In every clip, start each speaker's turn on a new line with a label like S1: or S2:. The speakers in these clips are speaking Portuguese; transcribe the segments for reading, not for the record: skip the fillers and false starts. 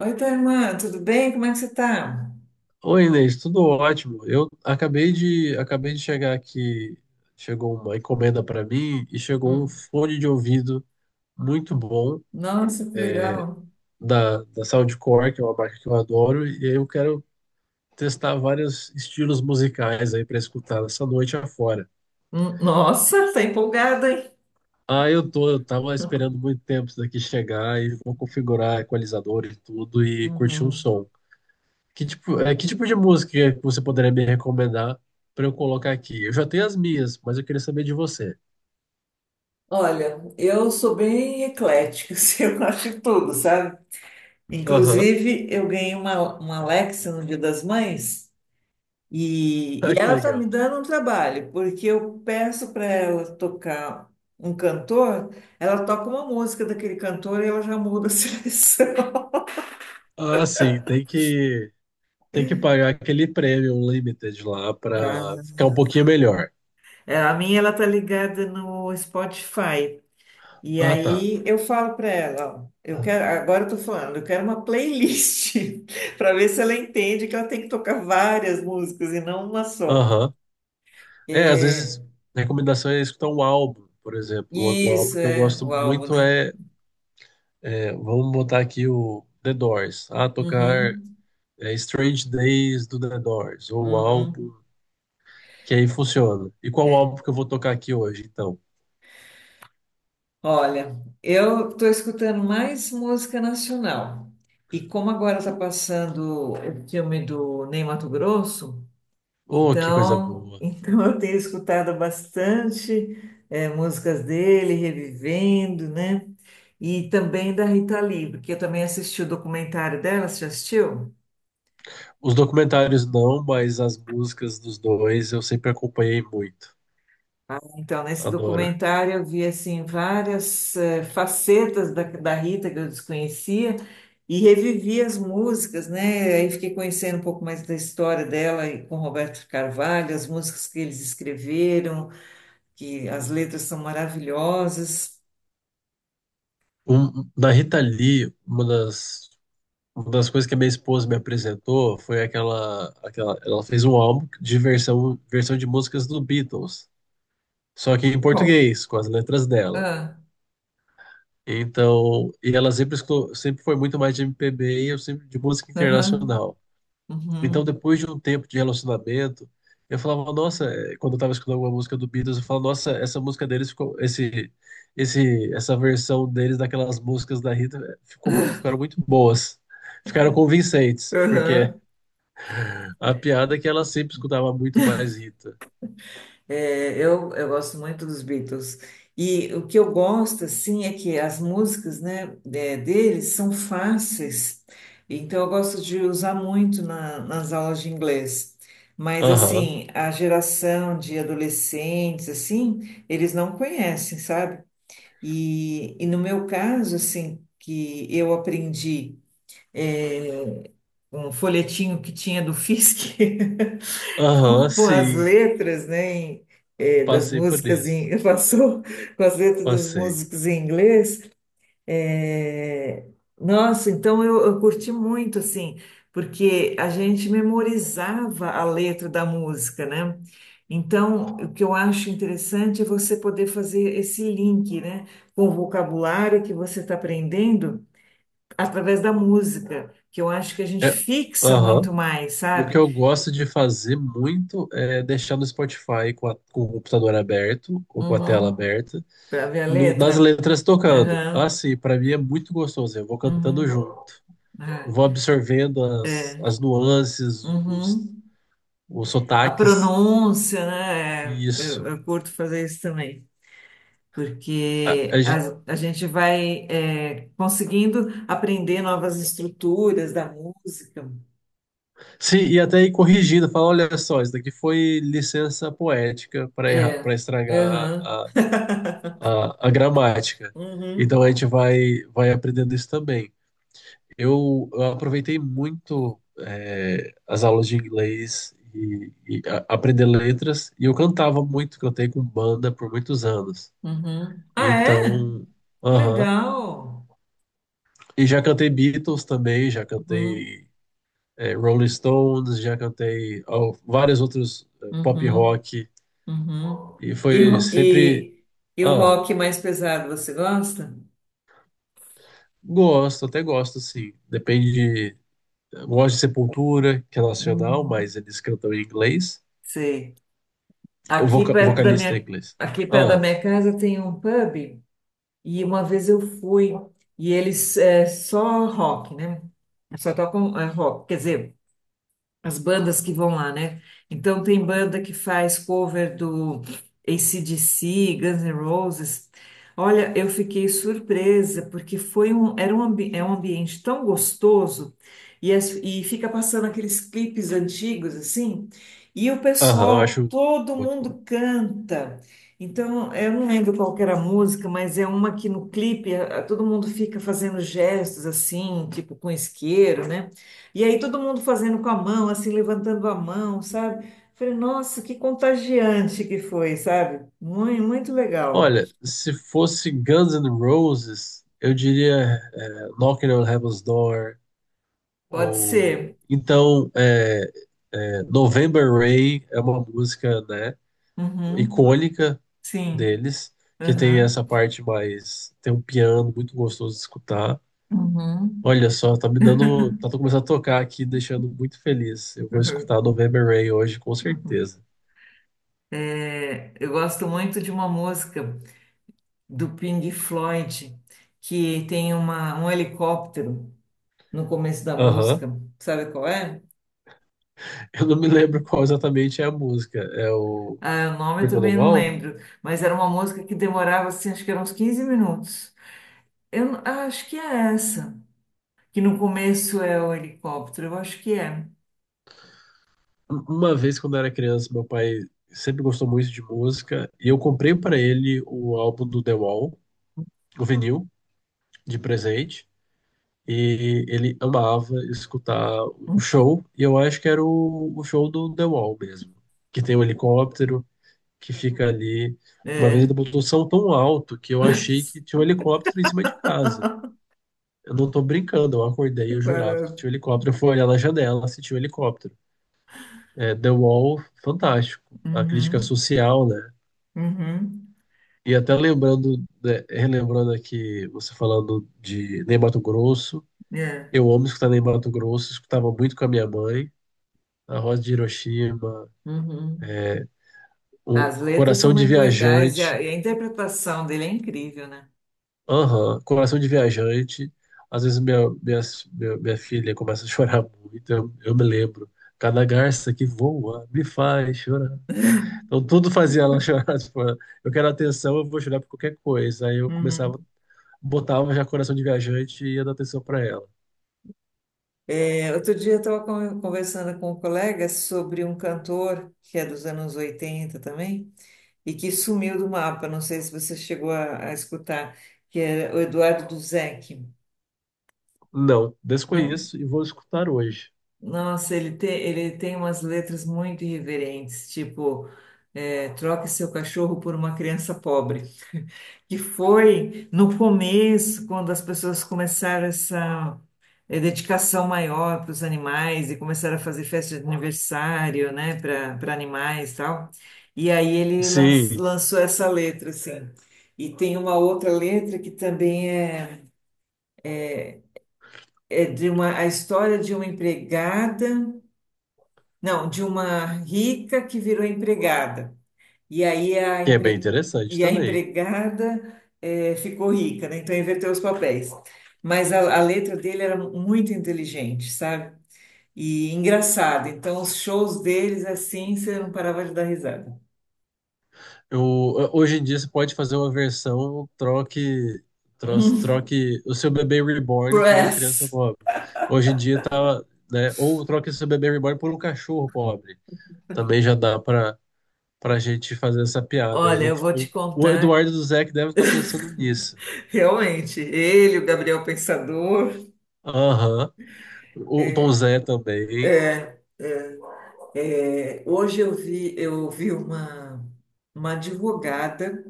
S1: Oi, tua irmã, tudo bem? Como é que você tá?
S2: Oi, Inês, tudo ótimo. Eu acabei de chegar aqui, chegou uma encomenda para mim e chegou um
S1: Hum.
S2: fone de ouvido muito bom
S1: Nossa, que legal.
S2: da Soundcore, que é uma marca que eu adoro, e eu quero testar vários estilos musicais aí para escutar essa noite afora.
S1: Nossa, tá empolgada, hein?
S2: Ah, eu tô, eu tava esperando muito tempo isso daqui chegar e vou configurar equalizador e tudo e curtir um
S1: Uhum.
S2: som. Que tipo de música que você poderia me recomendar para eu colocar aqui? Eu já tenho as minhas, mas eu queria saber de você.
S1: Olha, eu sou bem eclética, assim, eu gosto de tudo, sabe?
S2: Aham.
S1: Inclusive, eu ganhei uma Alexa no Dia das Mães e,
S2: Ah,
S1: e
S2: que
S1: ela tá me
S2: legal.
S1: dando um trabalho, porque eu peço para ela tocar um cantor, ela toca uma música daquele cantor e ela já muda a seleção.
S2: Ah, sim, tem que pagar aquele prêmio limited lá para ficar um pouquinho melhor.
S1: É, a minha ela tá ligada no Spotify. E
S2: Ah, tá.
S1: aí eu falo para ela, ó, eu quero, agora eu tô falando, eu quero uma playlist para ver se ela entende que ela tem que tocar várias músicas e não uma só.
S2: Aham. É, às
S1: É,
S2: vezes recomendação é escutar um álbum, por exemplo. O álbum
S1: isso
S2: que eu
S1: é
S2: gosto
S1: o álbum,
S2: muito
S1: né?
S2: é, vamos botar aqui o The Doors. Ah, tocar
S1: Uhum,
S2: Strange Days do The Doors ou o álbum
S1: uhum,
S2: que aí funciona. E qual
S1: é.
S2: álbum que eu vou tocar aqui hoje, então?
S1: Olha, eu tô escutando mais música nacional. E como agora tá passando o filme do Ney Matogrosso,
S2: Oh, que coisa
S1: então,
S2: boa.
S1: eu tenho escutado bastante músicas dele, revivendo, né? E também da Rita Lee, porque eu também assisti o documentário dela, você já assistiu?
S2: Os documentários não, mas as músicas dos dois eu sempre acompanhei muito.
S1: Ah, então, nesse
S2: Adoro.
S1: documentário eu vi assim várias facetas da Rita que eu desconhecia e revivi as músicas, né? Aí fiquei conhecendo um pouco mais da história dela e com Roberto Carvalho, as músicas que eles escreveram, que as letras são maravilhosas.
S2: Um, da Rita Lee, uma das coisas que a minha esposa me apresentou foi aquela. Ela fez um álbum de versão de músicas do Beatles, só que em português, com as letras dela.
S1: Ah,
S2: Então, e ela sempre, sempre foi muito mais de MPB e eu sempre de música
S1: aham,
S2: internacional. Então,
S1: uhum,
S2: depois de um tempo de relacionamento, eu falava, nossa, quando eu tava escutando alguma música do Beatles, eu falava, nossa, essa música deles ficou, essa versão deles daquelas músicas da Rita ficou muito, ficaram muito boas. Ficaram convincentes, porque
S1: aham.
S2: a piada é que ela sempre escutava muito mais Rita.
S1: É, eu gosto muito dos Beatles. E o que eu gosto, assim, é que as músicas, né, deles são fáceis. Então, eu gosto de usar muito nas aulas de inglês. Mas,
S2: Aham,
S1: assim, a geração de adolescentes, assim, eles não conhecem, sabe? E no meu caso, assim, que eu aprendi um folhetinho que tinha do Fisk.
S2: aham,
S1: com as
S2: sim.
S1: letras, né, das
S2: Passei por
S1: músicas
S2: isso.
S1: passou com as letras das
S2: Passei.
S1: músicas em inglês. eh, nossa, então eu curti muito, assim, porque a gente memorizava a letra da música, né? Então, o que eu acho interessante é você poder fazer esse link, né, com o vocabulário que você está aprendendo através da música, que eu acho que a gente
S2: É,
S1: fixa
S2: aham.
S1: muito mais,
S2: O que
S1: sabe?
S2: eu gosto de fazer muito é deixar no Spotify com, com o computador aberto ou com a tela
S1: Uhum.
S2: aberta.
S1: Para ver a
S2: Nas
S1: letra.
S2: letras tocando.
S1: Aham,
S2: Assim, para mim é muito gostoso. Eu vou
S1: uhum,
S2: cantando junto,
S1: ah,
S2: vou absorvendo as,
S1: é,
S2: as nuances,
S1: uhum.
S2: os
S1: A
S2: sotaques,
S1: pronúncia, né?
S2: e
S1: Eu,
S2: isso.
S1: eu curto fazer isso também,
S2: A, a
S1: porque
S2: gente,
S1: a gente vai conseguindo aprender novas estruturas da música.
S2: sim, e até ir corrigindo, falar, olha só, isso daqui foi licença poética para
S1: É,
S2: estragar
S1: aham,
S2: a gramática.
S1: uhum,
S2: Então a gente vai aprendendo isso também. Eu aproveitei muito as aulas de inglês e aprender letras, e eu cantava muito, cantei com banda por muitos anos.
S1: uhum. Ah, é?
S2: Então,
S1: Que
S2: aham.
S1: legal.
S2: E já cantei Beatles também, já
S1: Uhum,
S2: cantei Rolling Stones, já cantei ó, vários outros pop
S1: uhum,
S2: rock,
S1: uhum.
S2: e
S1: E,
S2: foi
S1: ro-
S2: sempre.
S1: e, e o
S2: Ah,
S1: rock mais pesado, você gosta?
S2: gosto, até gosto, sim. Depende de. Gosto de Sepultura, que é nacional,
S1: Hum.
S2: mas eles cantam em inglês.
S1: Sei.
S2: O
S1: Aqui
S2: voca- o
S1: perto da
S2: vocalista é
S1: minha,
S2: inglês.
S1: aqui perto da
S2: Ah,
S1: minha casa tem um pub e uma vez eu fui e eles é só rock, né? Só tocam rock, quer dizer, as bandas que vão lá, né? Então tem banda que faz cover do AC/DC, Guns N' Roses. Olha, eu fiquei surpresa porque foi um, era um, ambi- é um ambiente tão gostoso e fica passando aqueles clipes antigos assim, e o
S2: aham, eu
S1: pessoal,
S2: acho
S1: todo
S2: muito bom.
S1: mundo canta. Então, eu não lembro qual que era a música, mas é uma que no clipe todo mundo fica fazendo gestos assim, tipo com isqueiro, né? E aí todo mundo fazendo com a mão, assim, levantando a mão, sabe? Falei, nossa, que contagiante que foi, sabe? Muito, muito legal.
S2: Olha, se fosse Guns N' Roses, eu diria Knocking on Heaven's Door,
S1: Pode
S2: ou
S1: ser.
S2: então November Rain é uma música, né,
S1: Uhum.
S2: icônica
S1: Sim.
S2: deles, que tem
S1: Aham.
S2: essa parte mais, tem um piano muito gostoso de escutar.
S1: Uhum.
S2: Olha só, tá me dando, tá começando a tocar aqui, deixando muito feliz. Eu vou escutar November Rain hoje, com certeza.
S1: É, eu gosto muito de uma música do Pink Floyd que tem um helicóptero no começo da
S2: Aham.
S1: música. Sabe qual é?
S2: Eu não me lembro qual exatamente é a música. É o
S1: Ah, o nome eu
S2: Brick on the
S1: também não
S2: Wall?
S1: lembro, mas era uma música que demorava assim, acho que eram uns 15 minutos. Eu acho que é essa, que no começo é o helicóptero, eu acho que é.
S2: Uma vez, quando eu era criança, meu pai sempre gostou muito de música e eu comprei para ele o álbum do The Wall, o vinil, de presente. E ele amava escutar o show, e eu acho que era o show do The Wall mesmo, que tem um helicóptero que fica ali. Uma vez ele
S1: É.
S2: botou o som tão alto que eu achei que tinha um helicóptero em cima de casa. Eu não tô brincando, eu acordei e
S1: Que
S2: eu jurava que
S1: barato.
S2: tinha um helicóptero. Eu fui olhar na janela, se tinha um helicóptero. É, The Wall, fantástico. A crítica
S1: Uhum,
S2: social, né?
S1: uhum,
S2: E até lembrando, né, relembrando aqui, você falando de Ney Mato Grosso.
S1: é.
S2: Eu amo escutar Ney Mato Grosso, escutava muito com a minha mãe. A Rosa de Hiroshima,
S1: Uhum.
S2: o
S1: As letras são
S2: Coração de
S1: muito legais e a,
S2: Viajante.
S1: e a interpretação dele é incrível, né?
S2: Aham, Coração de Viajante. Às vezes minha filha começa a chorar muito, eu me lembro. Cada garça que voa me faz chorar. Então tudo fazia ela chorar. Tipo, eu quero atenção, eu vou chorar por qualquer coisa. Aí eu começava,
S1: Uhum.
S2: botava já coração de viajante e ia dar atenção para ela.
S1: É, outro dia eu estava conversando com um colega sobre um cantor que é dos anos 80 também e que sumiu do mapa. Não sei se você chegou a escutar, que era o Eduardo Duzec.
S2: Não, desconheço e vou escutar hoje.
S1: Nossa, ele tem umas letras muito irreverentes, tipo, troque seu cachorro por uma criança pobre, que foi no começo, quando as pessoas começaram essa dedicação maior para os animais e começaram a fazer festa de aniversário, né, para animais e tal. E aí ele
S2: Sim,
S1: lançou essa letra, assim. E tem uma outra letra que também é, é de a história de uma empregada. Não, de uma rica que virou empregada. E aí
S2: que é bem interessante
S1: e a
S2: também.
S1: empregada ficou rica, né? Então inverteu os papéis. Mas a letra dele era muito inteligente, sabe? E engraçada. Então os shows deles, assim, você não parava de dar risada.
S2: Eu, hoje em dia você pode fazer uma versão
S1: Hum,
S2: troque o seu bebê reborn por uma criança
S1: Press!
S2: pobre. Hoje em dia tá, né? Ou troque o seu bebê reborn por um cachorro pobre. Também já dá para pra gente fazer essa piada.
S1: Olha,
S2: Eu-
S1: eu vou te
S2: o, o
S1: contar.
S2: Eduardo do Zé que deve estar pensando nisso.
S1: Realmente, o Gabriel Pensador.
S2: Aham. O Tom Zé também.
S1: Hoje eu vi, uma, advogada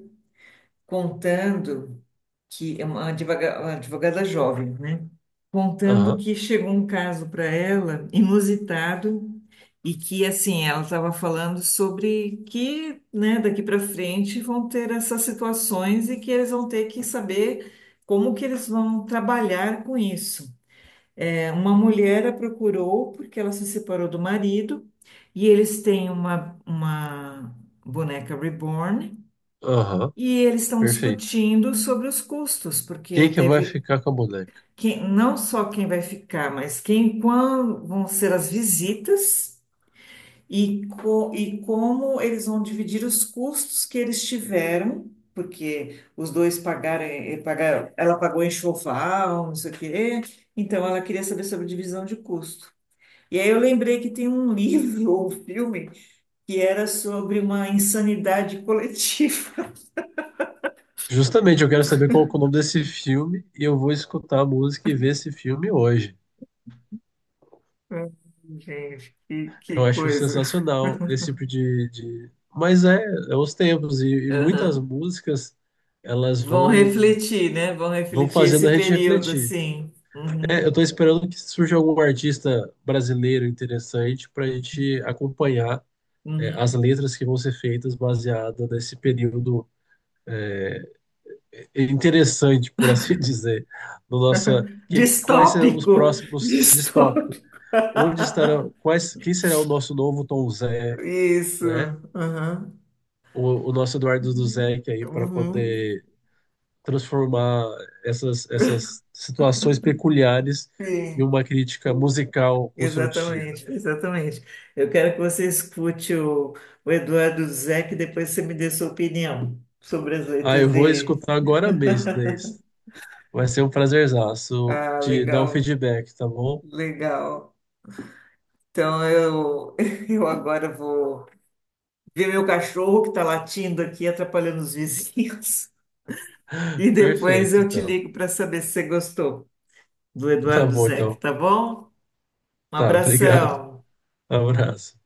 S1: contando. Que é uma uma advogada jovem, né? Contando
S2: Aham,
S1: que chegou um caso para ela inusitado e que assim ela estava falando sobre que, né, daqui para frente vão ter essas situações e que eles vão ter que saber como que eles vão trabalhar com isso. É, uma mulher a procurou porque ela se separou do marido e eles têm uma boneca reborn.
S2: aham.
S1: E eles estão
S2: Perfeito.
S1: discutindo sobre os custos, porque
S2: Quem que vai
S1: teve
S2: ficar com a boneca?
S1: não só quem vai ficar, mas quem, quando vão ser as visitas e como eles vão dividir os custos que eles tiveram, porque os dois pagaram, pagaram, ela pagou enxoval, não sei o quê, então ela queria saber sobre divisão de custo. E aí eu lembrei que tem um livro ou filme que era sobre uma insanidade coletiva.
S2: Justamente, eu quero saber qual que é o nome desse filme e eu vou escutar a música e ver esse filme hoje.
S1: Gente, que
S2: Eu acho
S1: coisa.
S2: sensacional esse tipo de. Mas é, é os tempos e muitas
S1: Aham.
S2: músicas elas
S1: Vão
S2: vão
S1: refletir, né? Vão
S2: vão
S1: refletir
S2: fazendo
S1: esse
S2: a gente
S1: período,
S2: refletir.
S1: assim.
S2: É,
S1: Uhum,
S2: eu estou esperando que surja algum artista brasileiro interessante para a gente acompanhar as
S1: uhum.
S2: letras que vão ser feitas baseada nesse período interessante, por assim dizer, no nossa que quais serão os
S1: Distópico.
S2: próximos distópicos?
S1: Distópico.
S2: Onde estarão quais quem será o nosso novo Tom Zé?
S1: Isso.
S2: Né?
S1: Uhum.
S2: O nosso Eduardo Duzec aí para
S1: Uhum.
S2: poder transformar essas situações peculiares em
S1: Sim,
S2: uma crítica musical construtiva.
S1: exatamente, exatamente. Eu quero que você escute o Eduardo Zeck, depois você me dê sua opinião sobre as
S2: Ah, eu
S1: letras
S2: vou
S1: dele.
S2: escutar agora mesmo, Inês. Vai ser um prazerzaço
S1: Ah,
S2: de dar o
S1: legal,
S2: feedback, tá bom?
S1: legal. Então eu, eu agora vou ver meu cachorro que está latindo aqui, atrapalhando os vizinhos. E depois
S2: Perfeito,
S1: eu te
S2: então.
S1: ligo para saber se você gostou do
S2: Tá
S1: Eduardo
S2: bom,
S1: Zeck,
S2: então.
S1: tá bom? Um
S2: Tá, obrigado.
S1: abração.
S2: Abraço.